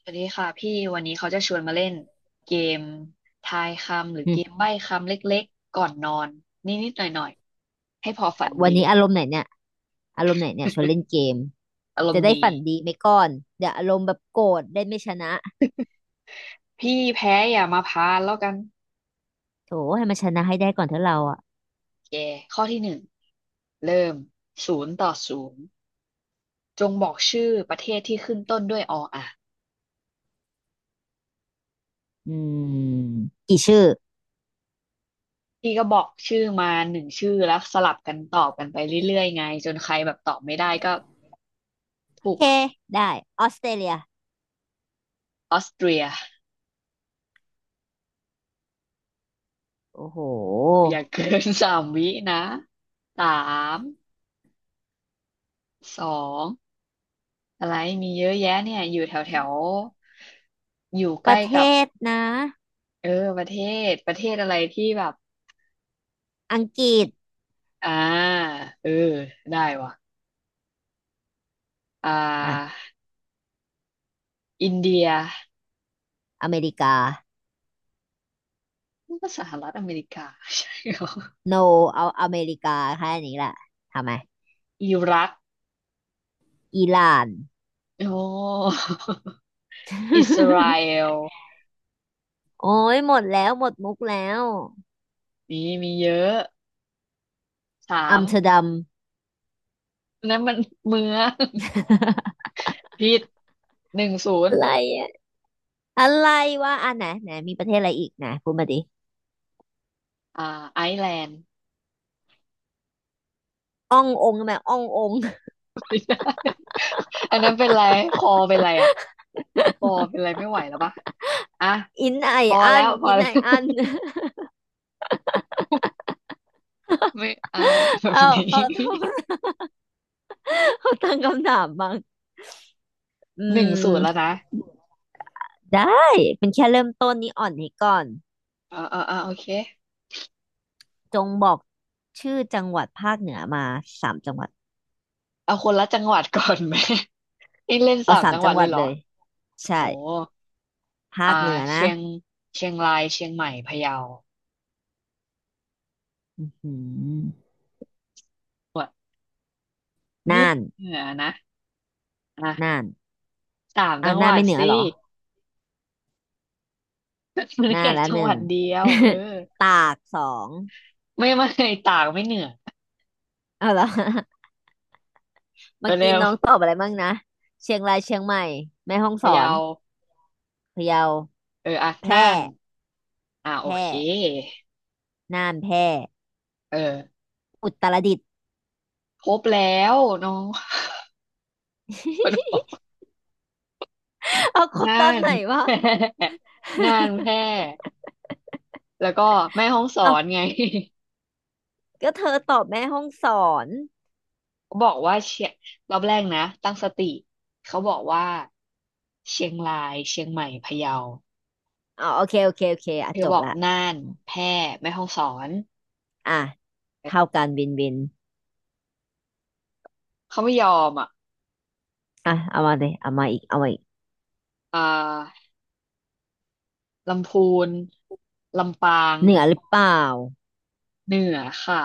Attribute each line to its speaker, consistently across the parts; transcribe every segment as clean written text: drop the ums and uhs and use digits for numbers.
Speaker 1: สวัสดีค่ะพี่วันนี้เขาจะชวนมาเล่นเกมทายคำหรือ
Speaker 2: อื
Speaker 1: เกม
Speaker 2: ม
Speaker 1: ใบ้คำเล็กๆก่อนนอนนิดๆหน่อยๆให้พอฝัน
Speaker 2: วัน
Speaker 1: ดี
Speaker 2: นี้อารมณ์ไหนเนี่ยอารมณ์ไหนเนี่ยชวนเล่น เกม
Speaker 1: อารม
Speaker 2: จะ
Speaker 1: ณ์
Speaker 2: ได้
Speaker 1: ดี
Speaker 2: ฝันดีไหมก่อนเดี๋ยวอารมณ์แบบโกรธได้ไม่ชนะ
Speaker 1: พี่แพ้อย่ามาพานแล้วกัน
Speaker 2: โถให้มันชนะให้ได้ก่อนเถอะเราอ่ะ
Speaker 1: แกข้อที่หนึ่งเริ่มศูนย์ต่อศูนย์จงบอกชื่อประเทศที่ขึ้นต้นด้วยออ่ะ
Speaker 2: อืมกี่ชื่อ
Speaker 1: พี่ก็บอกชื่อมาหนึ่งชื่อแล้วสลับกันตอบกันไปเรื่อยๆไงจนใครแบบตอบไม่ได้ก็
Speaker 2: โอ
Speaker 1: ถูก
Speaker 2: เคได้ออสเตรเลีย
Speaker 1: ออสเตรีย
Speaker 2: โอ้โห
Speaker 1: อย่าเกิน สามวินะสาม สองอะไรมีเยอะแยะเนี่ยอยู่แถวแถวอยู่ใก
Speaker 2: ป
Speaker 1: ล้
Speaker 2: ระเท
Speaker 1: กับ
Speaker 2: ศนะ
Speaker 1: เออประเทศประเทศอะไรที่แบบ
Speaker 2: อังกฤษ
Speaker 1: อ่าเออได้ว่ะอ่า
Speaker 2: อ่ะ
Speaker 1: อินเดีย
Speaker 2: อเมริกา
Speaker 1: มันก็สหรัฐอเมริกา ใช่เหรอ
Speaker 2: โนเอาอเมริกาแค่นี้แหละทำไม
Speaker 1: อิรัก
Speaker 2: อิหร่าน
Speaker 1: โอ้อิสราเอ ล
Speaker 2: โอ้ยหมดแล้วหมดมุกแล้ว
Speaker 1: นี่มีเยอะสา
Speaker 2: อั
Speaker 1: ม
Speaker 2: มสเตอร์ดัม
Speaker 1: นั่นมันเมืองผิดหนึ่งศู น
Speaker 2: อะ
Speaker 1: ย์
Speaker 2: ไรอะอะไรวะอ่ะไหนไหนมีประเทศอะไรอีกนะพูดมาดิ
Speaker 1: อ่าไอซ์แลนด์
Speaker 2: อ่ององค์แบบอ่ององค์
Speaker 1: ไม่ได้อันนั้นเป็นไรคอเป็นไรอ่ะ ปอเป็นอะไรไม่ไหวแล้วปะอ่ะ
Speaker 2: อินไอ
Speaker 1: พอ
Speaker 2: อั
Speaker 1: แล้
Speaker 2: น
Speaker 1: วพอแล้ว ไม่เอาแบบ
Speaker 2: เอา
Speaker 1: นี้
Speaker 2: เขาต้องเขาตั้งคำถามบ้างอื
Speaker 1: หนึ่งศูนย์แล้ว
Speaker 2: ม
Speaker 1: นะ
Speaker 2: ได้เป็นแค่เริ่มต้นนี้อ่อนให้ก่อน
Speaker 1: เออเออเออโอเค
Speaker 2: จงบอกชื่อจังหวัดภาคเหนือมาสามจังหวัด
Speaker 1: เอาคนละจังหวัดก่อนไหม นี่ เล่น
Speaker 2: เอา
Speaker 1: สาม
Speaker 2: สาม
Speaker 1: จังห
Speaker 2: จั
Speaker 1: วัด
Speaker 2: งห
Speaker 1: เล
Speaker 2: วั
Speaker 1: ย
Speaker 2: ด
Speaker 1: เหร
Speaker 2: เล
Speaker 1: อ
Speaker 2: ย
Speaker 1: โอ้โห
Speaker 2: ใช่ภา
Speaker 1: อ่า
Speaker 2: คเหนือ
Speaker 1: เชี
Speaker 2: นะ
Speaker 1: ยงเชียงรายเชียงใหม่พะเยา
Speaker 2: อืม
Speaker 1: ว่ะนี่
Speaker 2: น่าน
Speaker 1: เหนือนะ
Speaker 2: น่า
Speaker 1: อ่ะ
Speaker 2: น
Speaker 1: สาม
Speaker 2: อ่า
Speaker 1: จังห
Speaker 2: น่าน
Speaker 1: วัด
Speaker 2: ไม่เหนือ
Speaker 1: สิ
Speaker 2: เหรอ
Speaker 1: มัน
Speaker 2: น่า
Speaker 1: แค่
Speaker 2: นละ
Speaker 1: จั
Speaker 2: ห
Speaker 1: งห
Speaker 2: นึ่
Speaker 1: วั
Speaker 2: ง
Speaker 1: ดเดียวเออ
Speaker 2: ตากสอง
Speaker 1: ไม่ไม่ตากไม่เหนือ
Speaker 2: เอาละ
Speaker 1: เอ
Speaker 2: เมื่
Speaker 1: อ
Speaker 2: อกี้
Speaker 1: เร็ว
Speaker 2: น้องตอบอะไรบ้างนะเชียงรายเชียงใหม่แม่ฮ่องส
Speaker 1: พะ
Speaker 2: อ
Speaker 1: เยา
Speaker 2: นพะเยา
Speaker 1: เอออ่ะ
Speaker 2: แพร่
Speaker 1: น่านอ่ะโอ
Speaker 2: แพร่
Speaker 1: เค
Speaker 2: น่านแพร่
Speaker 1: เออ
Speaker 2: อุตรดิตถ์
Speaker 1: ครบแล้วน้อง มันบ อก
Speaker 2: เอาครบ
Speaker 1: น่า
Speaker 2: ตอน
Speaker 1: น
Speaker 2: ไหนวะ
Speaker 1: น่านแพร่แล้วก็แม่ฮ่องสอน
Speaker 2: เอา
Speaker 1: ไง
Speaker 2: ก็เธอตอบแม่ห้องสอน
Speaker 1: เขาบอกว่าเชียงรอบแรกนะตั้งสติเขาบอกว่าเชียงรายเชียงใหม่พะเยา
Speaker 2: อ๋อโอเคโอเคโอเคอ่ะ
Speaker 1: เธ
Speaker 2: จ
Speaker 1: อบ
Speaker 2: บ
Speaker 1: อก
Speaker 2: ละ
Speaker 1: น่าน
Speaker 2: อม
Speaker 1: แพร่แม่ฮ่องสอน
Speaker 2: อ่ะเท่ากันวินวิน
Speaker 1: เขาไม่ยอมอ่ะ
Speaker 2: อ่ะเอามาเลยเอามาอีกเอามาอีก
Speaker 1: อ่าลำพูนลำปาง
Speaker 2: เหนือหรือเปล่า
Speaker 1: เหนือค่ะ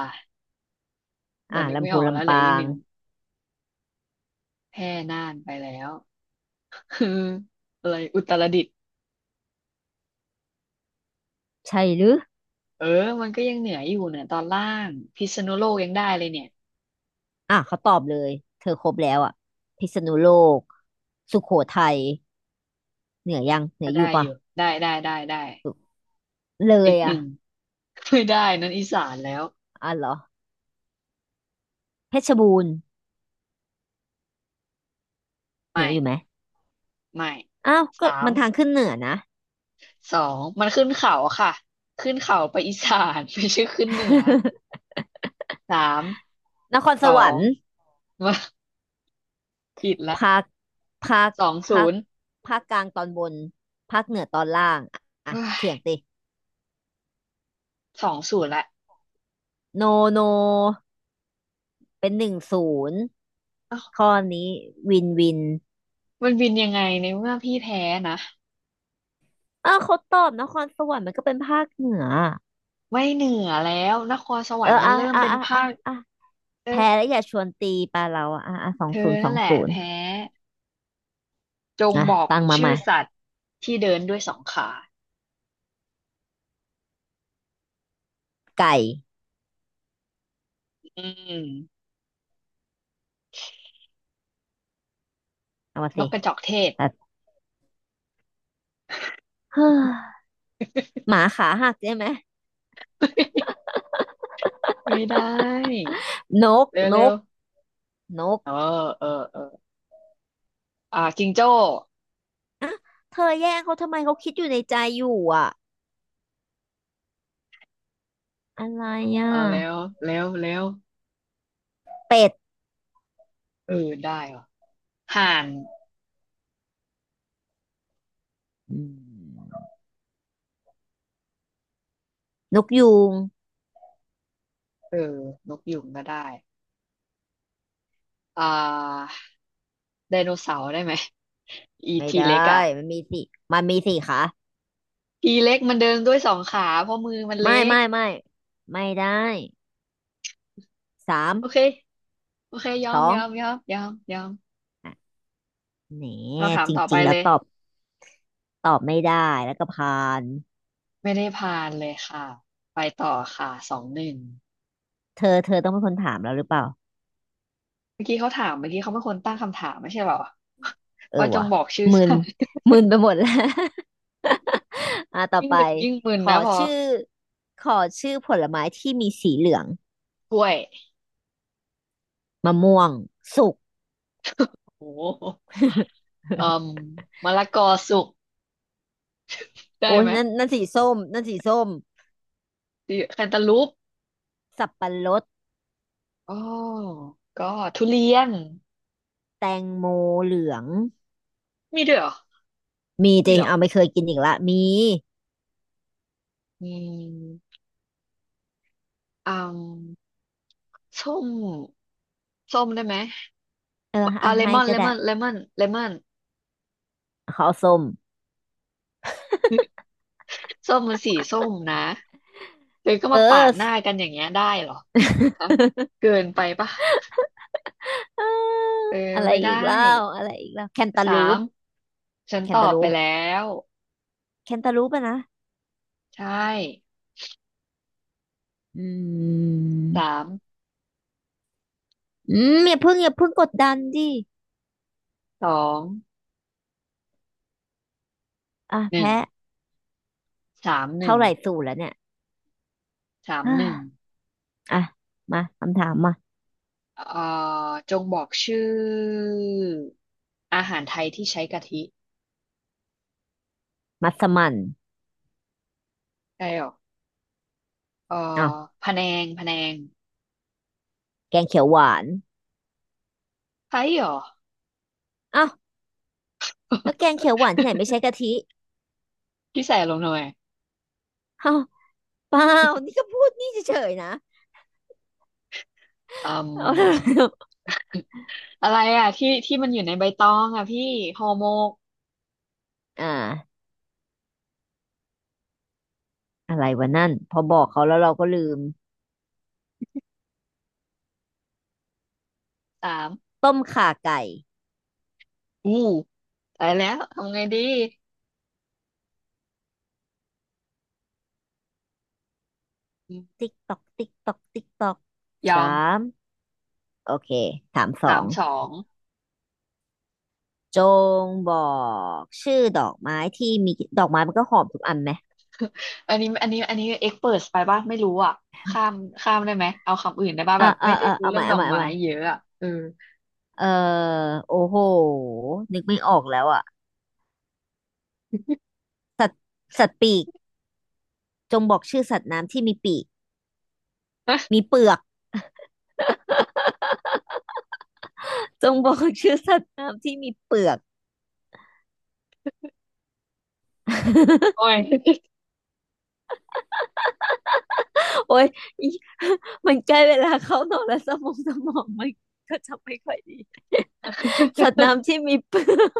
Speaker 1: เดี๋
Speaker 2: อ่ะ
Speaker 1: ยวนึกไม่
Speaker 2: ลำพู
Speaker 1: อ
Speaker 2: น
Speaker 1: อกแล้ว
Speaker 2: ลำ
Speaker 1: เหลื
Speaker 2: ปา
Speaker 1: ออีกห
Speaker 2: ง
Speaker 1: นึ่งแพร่น่านไปแล้ว คืออะไรอุตรดิตถ์
Speaker 2: ใช่หรือ
Speaker 1: เออมันก็ยังเหนืออยู่เนี่ยตอนล่างพิษณุโลกยังได้เลยเนี่ย
Speaker 2: อ่ะเขาตอบเลยเธอครบแล้วอ่ะพิษณุโลกสุโขทัยเหนือยังเหนื
Speaker 1: ก็
Speaker 2: ออ
Speaker 1: ได้
Speaker 2: ยู่
Speaker 1: อ
Speaker 2: ปะ
Speaker 1: ยู่ได้ได้ได้ได้
Speaker 2: เล
Speaker 1: อีก
Speaker 2: ย
Speaker 1: ห
Speaker 2: อ่ะ
Speaker 1: นึ่งไม่ได้นั่นอีสานแล้ว
Speaker 2: อ่ะเหรอเพชรบูรณ์เหนื
Speaker 1: ไม่
Speaker 2: ออยู่ไหม
Speaker 1: ไม่
Speaker 2: อ้าวก็
Speaker 1: สาม
Speaker 2: มันทางขึ้นเหนือนะ
Speaker 1: สองมันขึ้นเขาค่ะขึ้นเขาไปอีสานไม่ใช่ขึ้นเหนือสาม
Speaker 2: นคร
Speaker 1: ส
Speaker 2: ส
Speaker 1: อ
Speaker 2: วรร
Speaker 1: ง
Speaker 2: ค์
Speaker 1: มาผิดละ
Speaker 2: ภาคภาค
Speaker 1: สองศู
Speaker 2: ภาค
Speaker 1: นย์
Speaker 2: กลางตอนบนภาคเหนือตอนล่างอ่ะอ่ะ
Speaker 1: เอ้
Speaker 2: เถี
Speaker 1: ย
Speaker 2: ยงติ
Speaker 1: สองศูนย์ละ
Speaker 2: โนโนเป็นหนึ่งศูนย์
Speaker 1: เอ้า
Speaker 2: ข้อนี้วินวิน
Speaker 1: มันบินยังไงในเมื่อพี่แพ้นะ
Speaker 2: อ้าวเขาตอบนครสวรรค์มันก็เป็นภาคเหนือ
Speaker 1: ไม่เหนือแล้วนครสว
Speaker 2: เอ
Speaker 1: ร
Speaker 2: อ
Speaker 1: รค์มันเริ่มเป็นภาค
Speaker 2: อ่ะ
Speaker 1: เออ
Speaker 2: แพ้แล้วอย่าชวนตีปลาเราอ่ะสอง
Speaker 1: เธ
Speaker 2: ศู
Speaker 1: อ
Speaker 2: นย์ส
Speaker 1: นั่
Speaker 2: อ
Speaker 1: น
Speaker 2: ง
Speaker 1: แหละ
Speaker 2: ศูนย์
Speaker 1: แพ้จง
Speaker 2: อ่ะ
Speaker 1: บอก
Speaker 2: ตั้งมาให
Speaker 1: ชื่อ
Speaker 2: ม่
Speaker 1: สัตว์ที่เดินด้วยสองขา
Speaker 2: ไก่
Speaker 1: อืม
Speaker 2: เอามา
Speaker 1: น
Speaker 2: สิ
Speaker 1: กกระจอกเทศ
Speaker 2: แต่เฮ้อ หมาขาหักใช่ไหม
Speaker 1: ไม่ได้
Speaker 2: นก
Speaker 1: เร็ว
Speaker 2: น
Speaker 1: เร็ว
Speaker 2: กนก
Speaker 1: เออเออเอออ่าจิงโจ้
Speaker 2: เธอแย่งเขาทำไมเขาคิดอยู่ในใจอยู่อ่ะอะไรอ
Speaker 1: เอาแล้ว
Speaker 2: ่ะ
Speaker 1: เร็วเร็ว
Speaker 2: เป็ด
Speaker 1: เออได้ว่ะห่าน
Speaker 2: อืมนกยูง
Speaker 1: เออนกยุงก็ได้อ่าไดโนเสาร์ได้ไหม อี
Speaker 2: ไม่
Speaker 1: ที
Speaker 2: ได
Speaker 1: เล็ก
Speaker 2: ้
Speaker 1: อ่ะ
Speaker 2: มันมีสี่มันมีสี่ขา
Speaker 1: ทีเล็กมันเดินด้วยสองขาเพราะมือมันเล็ก
Speaker 2: ไม่ไม่ได้สาม
Speaker 1: โอเคโอเคยอ
Speaker 2: สอ
Speaker 1: มย
Speaker 2: ง
Speaker 1: อมยอมยอมยอม
Speaker 2: อ่ะแหน
Speaker 1: คำถาม
Speaker 2: จ
Speaker 1: ต่อไป
Speaker 2: ริงๆแล้
Speaker 1: เล
Speaker 2: ว
Speaker 1: ย
Speaker 2: ตอบไม่ได้แล้วก็ผ่าน
Speaker 1: ไม่ได้ผ่านเลยค่ะไปต่อค่ะสองหนึ่ง
Speaker 2: เธอต้องเป็นคนถามเราหรือเปล่า
Speaker 1: เมื่อกี้เขาถามเมื่อกี้เขาเป็นคนตั้งคำถามไม่ใช่เหรอ
Speaker 2: เอ อ
Speaker 1: ว่าจง
Speaker 2: วะ
Speaker 1: บอกชื่อ
Speaker 2: มึน
Speaker 1: สัตว์
Speaker 2: ไปหมดแล้ว อ่ะต่ อ
Speaker 1: ยิ่ง
Speaker 2: ไป
Speaker 1: ดึกยิ่งมึน
Speaker 2: ขอ
Speaker 1: นะพอ
Speaker 2: ชื่อขอชื่อผลไม้ที่มีสีเหลือง
Speaker 1: กล้วย
Speaker 2: มะม่วงสุก
Speaker 1: โอ้โห เอ่มมะละกอสุกได้
Speaker 2: โอ้ย
Speaker 1: ไหม
Speaker 2: นั่นสีส้ม
Speaker 1: ดิแคนตาลูป
Speaker 2: สับปะรด
Speaker 1: อ๋อก็ทุเรียน
Speaker 2: แตงโมเหลือง
Speaker 1: มีด้วยเหรอ
Speaker 2: มีจ
Speaker 1: มี
Speaker 2: ริง
Speaker 1: เหรอ
Speaker 2: เอาไม่เคยกินอีกละมี
Speaker 1: อืมอืมส้มส้มได้ไหม
Speaker 2: เออ
Speaker 1: อ่า
Speaker 2: อ่ะ
Speaker 1: เล
Speaker 2: ให้
Speaker 1: มอน
Speaker 2: ก็
Speaker 1: เล
Speaker 2: ได้
Speaker 1: มอนเลมอนเลมอน
Speaker 2: ขอเอาส้ม
Speaker 1: ส้มมันสีส้มนะเธอก็
Speaker 2: เอ
Speaker 1: มาปาด
Speaker 2: อ
Speaker 1: หน้ากันอย่างเงี้ยได้เหรอคะเกินไปปะ
Speaker 2: เออ
Speaker 1: เออ
Speaker 2: อะไร
Speaker 1: ไม่
Speaker 2: อี
Speaker 1: ได้
Speaker 2: กแล้วอะไรอีกแล้วแคนตาลู
Speaker 1: สาม
Speaker 2: ป
Speaker 1: ฉัน
Speaker 2: แค
Speaker 1: ต
Speaker 2: น
Speaker 1: อ
Speaker 2: ตา
Speaker 1: บ
Speaker 2: ลู
Speaker 1: ไป
Speaker 2: ป
Speaker 1: แล้ว
Speaker 2: แคนตาลูปอะนะ
Speaker 1: ใช่
Speaker 2: อื
Speaker 1: สา
Speaker 2: ม
Speaker 1: ม
Speaker 2: อย่าเพิ่งกดดันดิ
Speaker 1: สอง
Speaker 2: อ่ะ
Speaker 1: หนึ่ง
Speaker 2: แพ้
Speaker 1: สามหนึ่
Speaker 2: เท่า
Speaker 1: ง
Speaker 2: ไหร่สูตรแล้วเนี่ย
Speaker 1: สาม
Speaker 2: อ่า
Speaker 1: หนึ่ง
Speaker 2: อ่ะมาคำถามมา
Speaker 1: เอ่จงบอกชื่ออาหารไทยที่ใช้กะทิ
Speaker 2: มัสมั่น
Speaker 1: ใช่หรอเอ่อ
Speaker 2: อ้าว
Speaker 1: พะแนงพะแนง
Speaker 2: แกงเขียวหวาน
Speaker 1: ใช่หรอ
Speaker 2: อ้าว แล้วแกงเขียว หวานที่ไหนไม่ใช้กะทิ
Speaker 1: พี่ใส่ลงหน่อย
Speaker 2: เอ้าเปล่านี่ก็พูดนี่เฉยๆนะ
Speaker 1: อื
Speaker 2: เอาแล้
Speaker 1: ม
Speaker 2: ว
Speaker 1: อะไรอ่ะที่ที่มันอยู่ในใบตองอ่ะพี่ห่อหมก
Speaker 2: อ่าอะไรวะนั่นพอบอกเขาแล้วเราก็ลืม
Speaker 1: สาม
Speaker 2: ต้มข่าไก่
Speaker 1: อู้ตายแล้วทำไงดีอืม
Speaker 2: ติ๊กตอกติ๊กตอกติ๊กตอก
Speaker 1: ยอ
Speaker 2: สา
Speaker 1: ม
Speaker 2: มโอเคถามสอ
Speaker 1: สาม
Speaker 2: ง
Speaker 1: สอง
Speaker 2: จงบอกชื่อดอกไม้ที่มีดอกไม้มันก็หอมทุกอันไหม
Speaker 1: อันนี้อันนี้อันนี้เอ็กเปิดไปป่ะไม่รู้อ่ะข้ามข้ามได้ไหมเอาคำอื่นได้ป่ะแบบไม่ได้รู้
Speaker 2: เอาให
Speaker 1: เรื่อ
Speaker 2: ม่
Speaker 1: งดอกไม้เยอะอ่ะเออ
Speaker 2: เออโอ้โหนึกไม่ออกแล้วอ่ะสัตว์ปีกจงบอกชื่อสัตว์น้ำที่มีปีก มีเปลือก จงบอกชื่อสัตว์น้ำที่มีเปลือก
Speaker 1: หอย
Speaker 2: โอ้ยอีมันใกล้เวลาเข้านอนแล้วสมองมันก็จะไม่ค่อยดีสัตว์น้ำ ที่มีเปลือก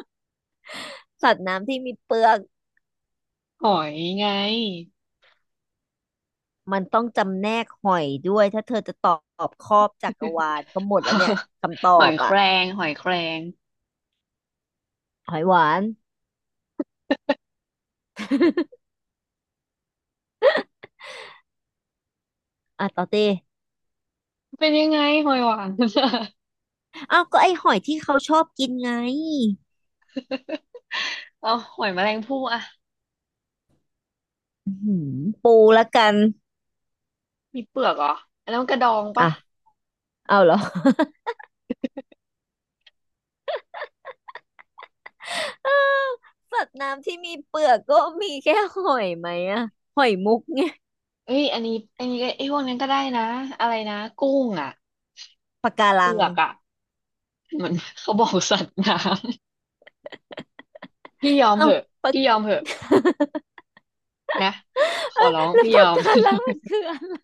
Speaker 2: สัตว์น้ำที่มีเปลือก
Speaker 1: หอยไง
Speaker 2: มันต้องจำแนกหอยด้วยถ้าเธอจะตอบครอบจักรวาลก็หมดแล้วเนี่ยคำตอ
Speaker 1: หอย
Speaker 2: บ
Speaker 1: แค
Speaker 2: อ่ะ
Speaker 1: รงหอยแครง
Speaker 2: หอยหวานอ่ะต่อเต้
Speaker 1: เป็นยังไงหอยหวาน
Speaker 2: อ้าวก็ไอหอยที่เขาชอบกินไง
Speaker 1: เอาหอยแมลงภู่อะ
Speaker 2: อื้อหือปูละกัน
Speaker 1: มีเปลือกเหรออันนั้นมันกระดอง
Speaker 2: อ่ะ
Speaker 1: ปะ
Speaker 2: เอาเหรอ อ้าว สัตว์น้ำที่มีเปลือกก็มีแค่หอยไหมอะหอยมุกไง
Speaker 1: เอ้ยอันนี้อันนี้ก็ไอ้ยพวกนั้นก็ได้นะอะไรนะกุ้งอะ
Speaker 2: ปะกา
Speaker 1: เป
Speaker 2: รั
Speaker 1: ลื
Speaker 2: ง
Speaker 1: อกอะมัน เขาบอกสัตว์น้ำ พี่ยอม
Speaker 2: เอา
Speaker 1: เหอะ
Speaker 2: ปาก
Speaker 1: พี่ยอมเหอะ นะข
Speaker 2: เอ้
Speaker 1: อ
Speaker 2: ย
Speaker 1: ร้อง
Speaker 2: แล้ว
Speaker 1: พี่ย
Speaker 2: ปา
Speaker 1: อ
Speaker 2: ก
Speaker 1: ม
Speaker 2: การังมันคืออะไร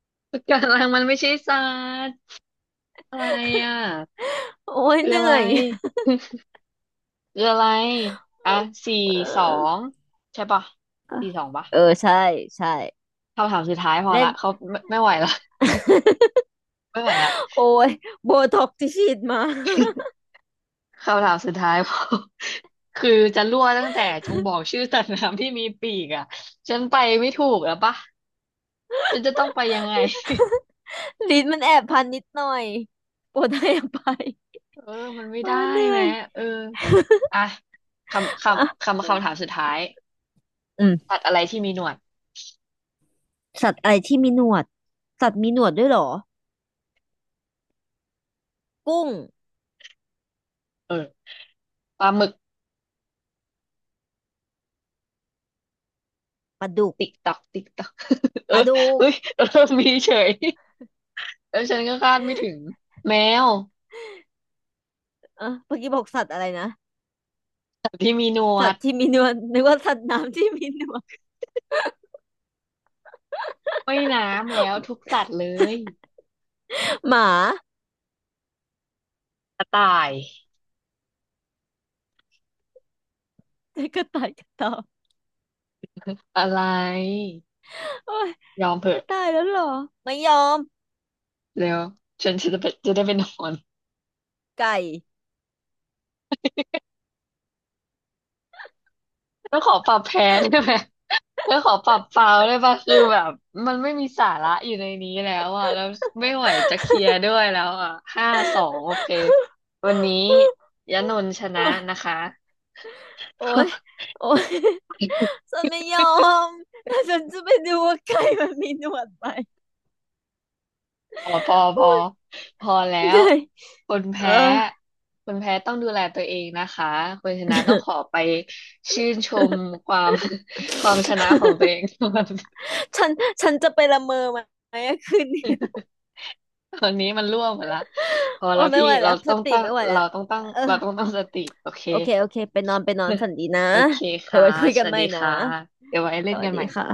Speaker 1: ปะการังมันไม่ใช่สัตว์อะไรอ่ะ
Speaker 2: โอ้ย
Speaker 1: คือ
Speaker 2: เห
Speaker 1: อะ
Speaker 2: นื่
Speaker 1: ไร
Speaker 2: อย
Speaker 1: คืออะไรอ่ะสี่
Speaker 2: เอ
Speaker 1: สอง
Speaker 2: อ
Speaker 1: ใช่ปะ
Speaker 2: อ่ะ
Speaker 1: สี่สองปะ
Speaker 2: เออใช่ ใช่
Speaker 1: คำถามสุดท้ายพอ
Speaker 2: เล่น
Speaker 1: ละเขาไม่ไม่ไหวละ ไม่ไหวละ
Speaker 2: โอ้ยโบท็อกที่ฉีดมา
Speaker 1: คำถามสุดท้ายพอ คือจะรั่วตั้งแต่จงบอกชื่อสัตว์น้ำที่มีปีกอ่ะฉันไปไม่ถูกแล้วปะฉันจะต้องไปยังไง
Speaker 2: ลิ้นมันแอบพันนิดหน่อยโปรดให้อภัย
Speaker 1: เออมันไม่
Speaker 2: เออ
Speaker 1: ได้
Speaker 2: เหนื่อ
Speaker 1: แม้
Speaker 2: ย
Speaker 1: เอออ่ะ
Speaker 2: อ่ะ
Speaker 1: คำถามสุดท้าย
Speaker 2: อื
Speaker 1: สั
Speaker 2: ม
Speaker 1: ตว์อะไรที่มีหนวด
Speaker 2: สัตว์อะไรที่มีหนวดสัตว์มีหนวดด้วยเหรอ กุ้ง
Speaker 1: เออปลาหมึก
Speaker 2: ปลาดุก
Speaker 1: ติ๊กตักติ๊กตัก เอ
Speaker 2: ป
Speaker 1: อ
Speaker 2: ลาดุก
Speaker 1: เฮ้ย เออมีเฉย แล้วฉันก็คาดไม่ถึงแมว
Speaker 2: เอะเมื่อกี้บอกสัตว์อะไรนะ
Speaker 1: สัตว์ที่มีหนว
Speaker 2: สัต
Speaker 1: ด
Speaker 2: ว์ที่มีหนวดนึกว่าสัตว์น้ำที่มีหนวด
Speaker 1: ว่ายน้ำแล้วทุกสัตว์เลย
Speaker 2: หมา
Speaker 1: กระต่าย
Speaker 2: แต่กระต่ายกระเต่า
Speaker 1: อะไร
Speaker 2: โอ้ย
Speaker 1: ยอมเถ
Speaker 2: มัน
Speaker 1: อะ
Speaker 2: กะตายแล้วเหรอไม่ยอม
Speaker 1: แล้วฉันจะไปจะได้ไปนอน
Speaker 2: ไก่
Speaker 1: แล้วขอปรับแพ้ได้ไหม แล้วขอปรับฟาวได้ปะคือแบบมันไม่มีสาระอยู่ในนี้แล้วอ่ะแล้วไม่ไหวจะเคลียร์ด้วยแล้วอ่ะห้าสองโอเควันนี้ยะนนท์ชนะ
Speaker 2: โอ้ย
Speaker 1: นะคะ
Speaker 2: โอ้ยโอ้ยฉันไม่ยอมแต่ฉันจะไปดูว่าไก่มันมีหนวดไหม
Speaker 1: พอพอพ
Speaker 2: โอ้
Speaker 1: อ
Speaker 2: ย
Speaker 1: พอแล้
Speaker 2: เห
Speaker 1: ว
Speaker 2: นื่อย
Speaker 1: คน
Speaker 2: เออ
Speaker 1: แพ้คนแพ้ต้องดูแลตัวเองนะคะคนชนะต้องขอไปชื่นชมความ ความชนะของตัวเอง ก่อน
Speaker 2: ฉันจะไปละเมอไหมอะคืนนี้
Speaker 1: ตอนนี้มันร่วงหมดละพอ
Speaker 2: โอ้
Speaker 1: แล้ว
Speaker 2: ไม่
Speaker 1: พี่
Speaker 2: ไหวแล้วสติไม่ไหวแล้วเออ
Speaker 1: เราต้องตั้งสติโอเค
Speaker 2: โอเคไปนอนฝั นดีนะ
Speaker 1: โอเค
Speaker 2: เดี๋ยว
Speaker 1: ค่ะ
Speaker 2: ไว้คุย
Speaker 1: ส
Speaker 2: กัน
Speaker 1: วั
Speaker 2: ให
Speaker 1: ส
Speaker 2: ม่
Speaker 1: ดี
Speaker 2: นะ
Speaker 1: ค่ะเดี๋ยวไว้
Speaker 2: ส
Speaker 1: เล่น
Speaker 2: วั
Speaker 1: กั
Speaker 2: ส
Speaker 1: น
Speaker 2: ดี
Speaker 1: ใหม่
Speaker 2: ค่ะ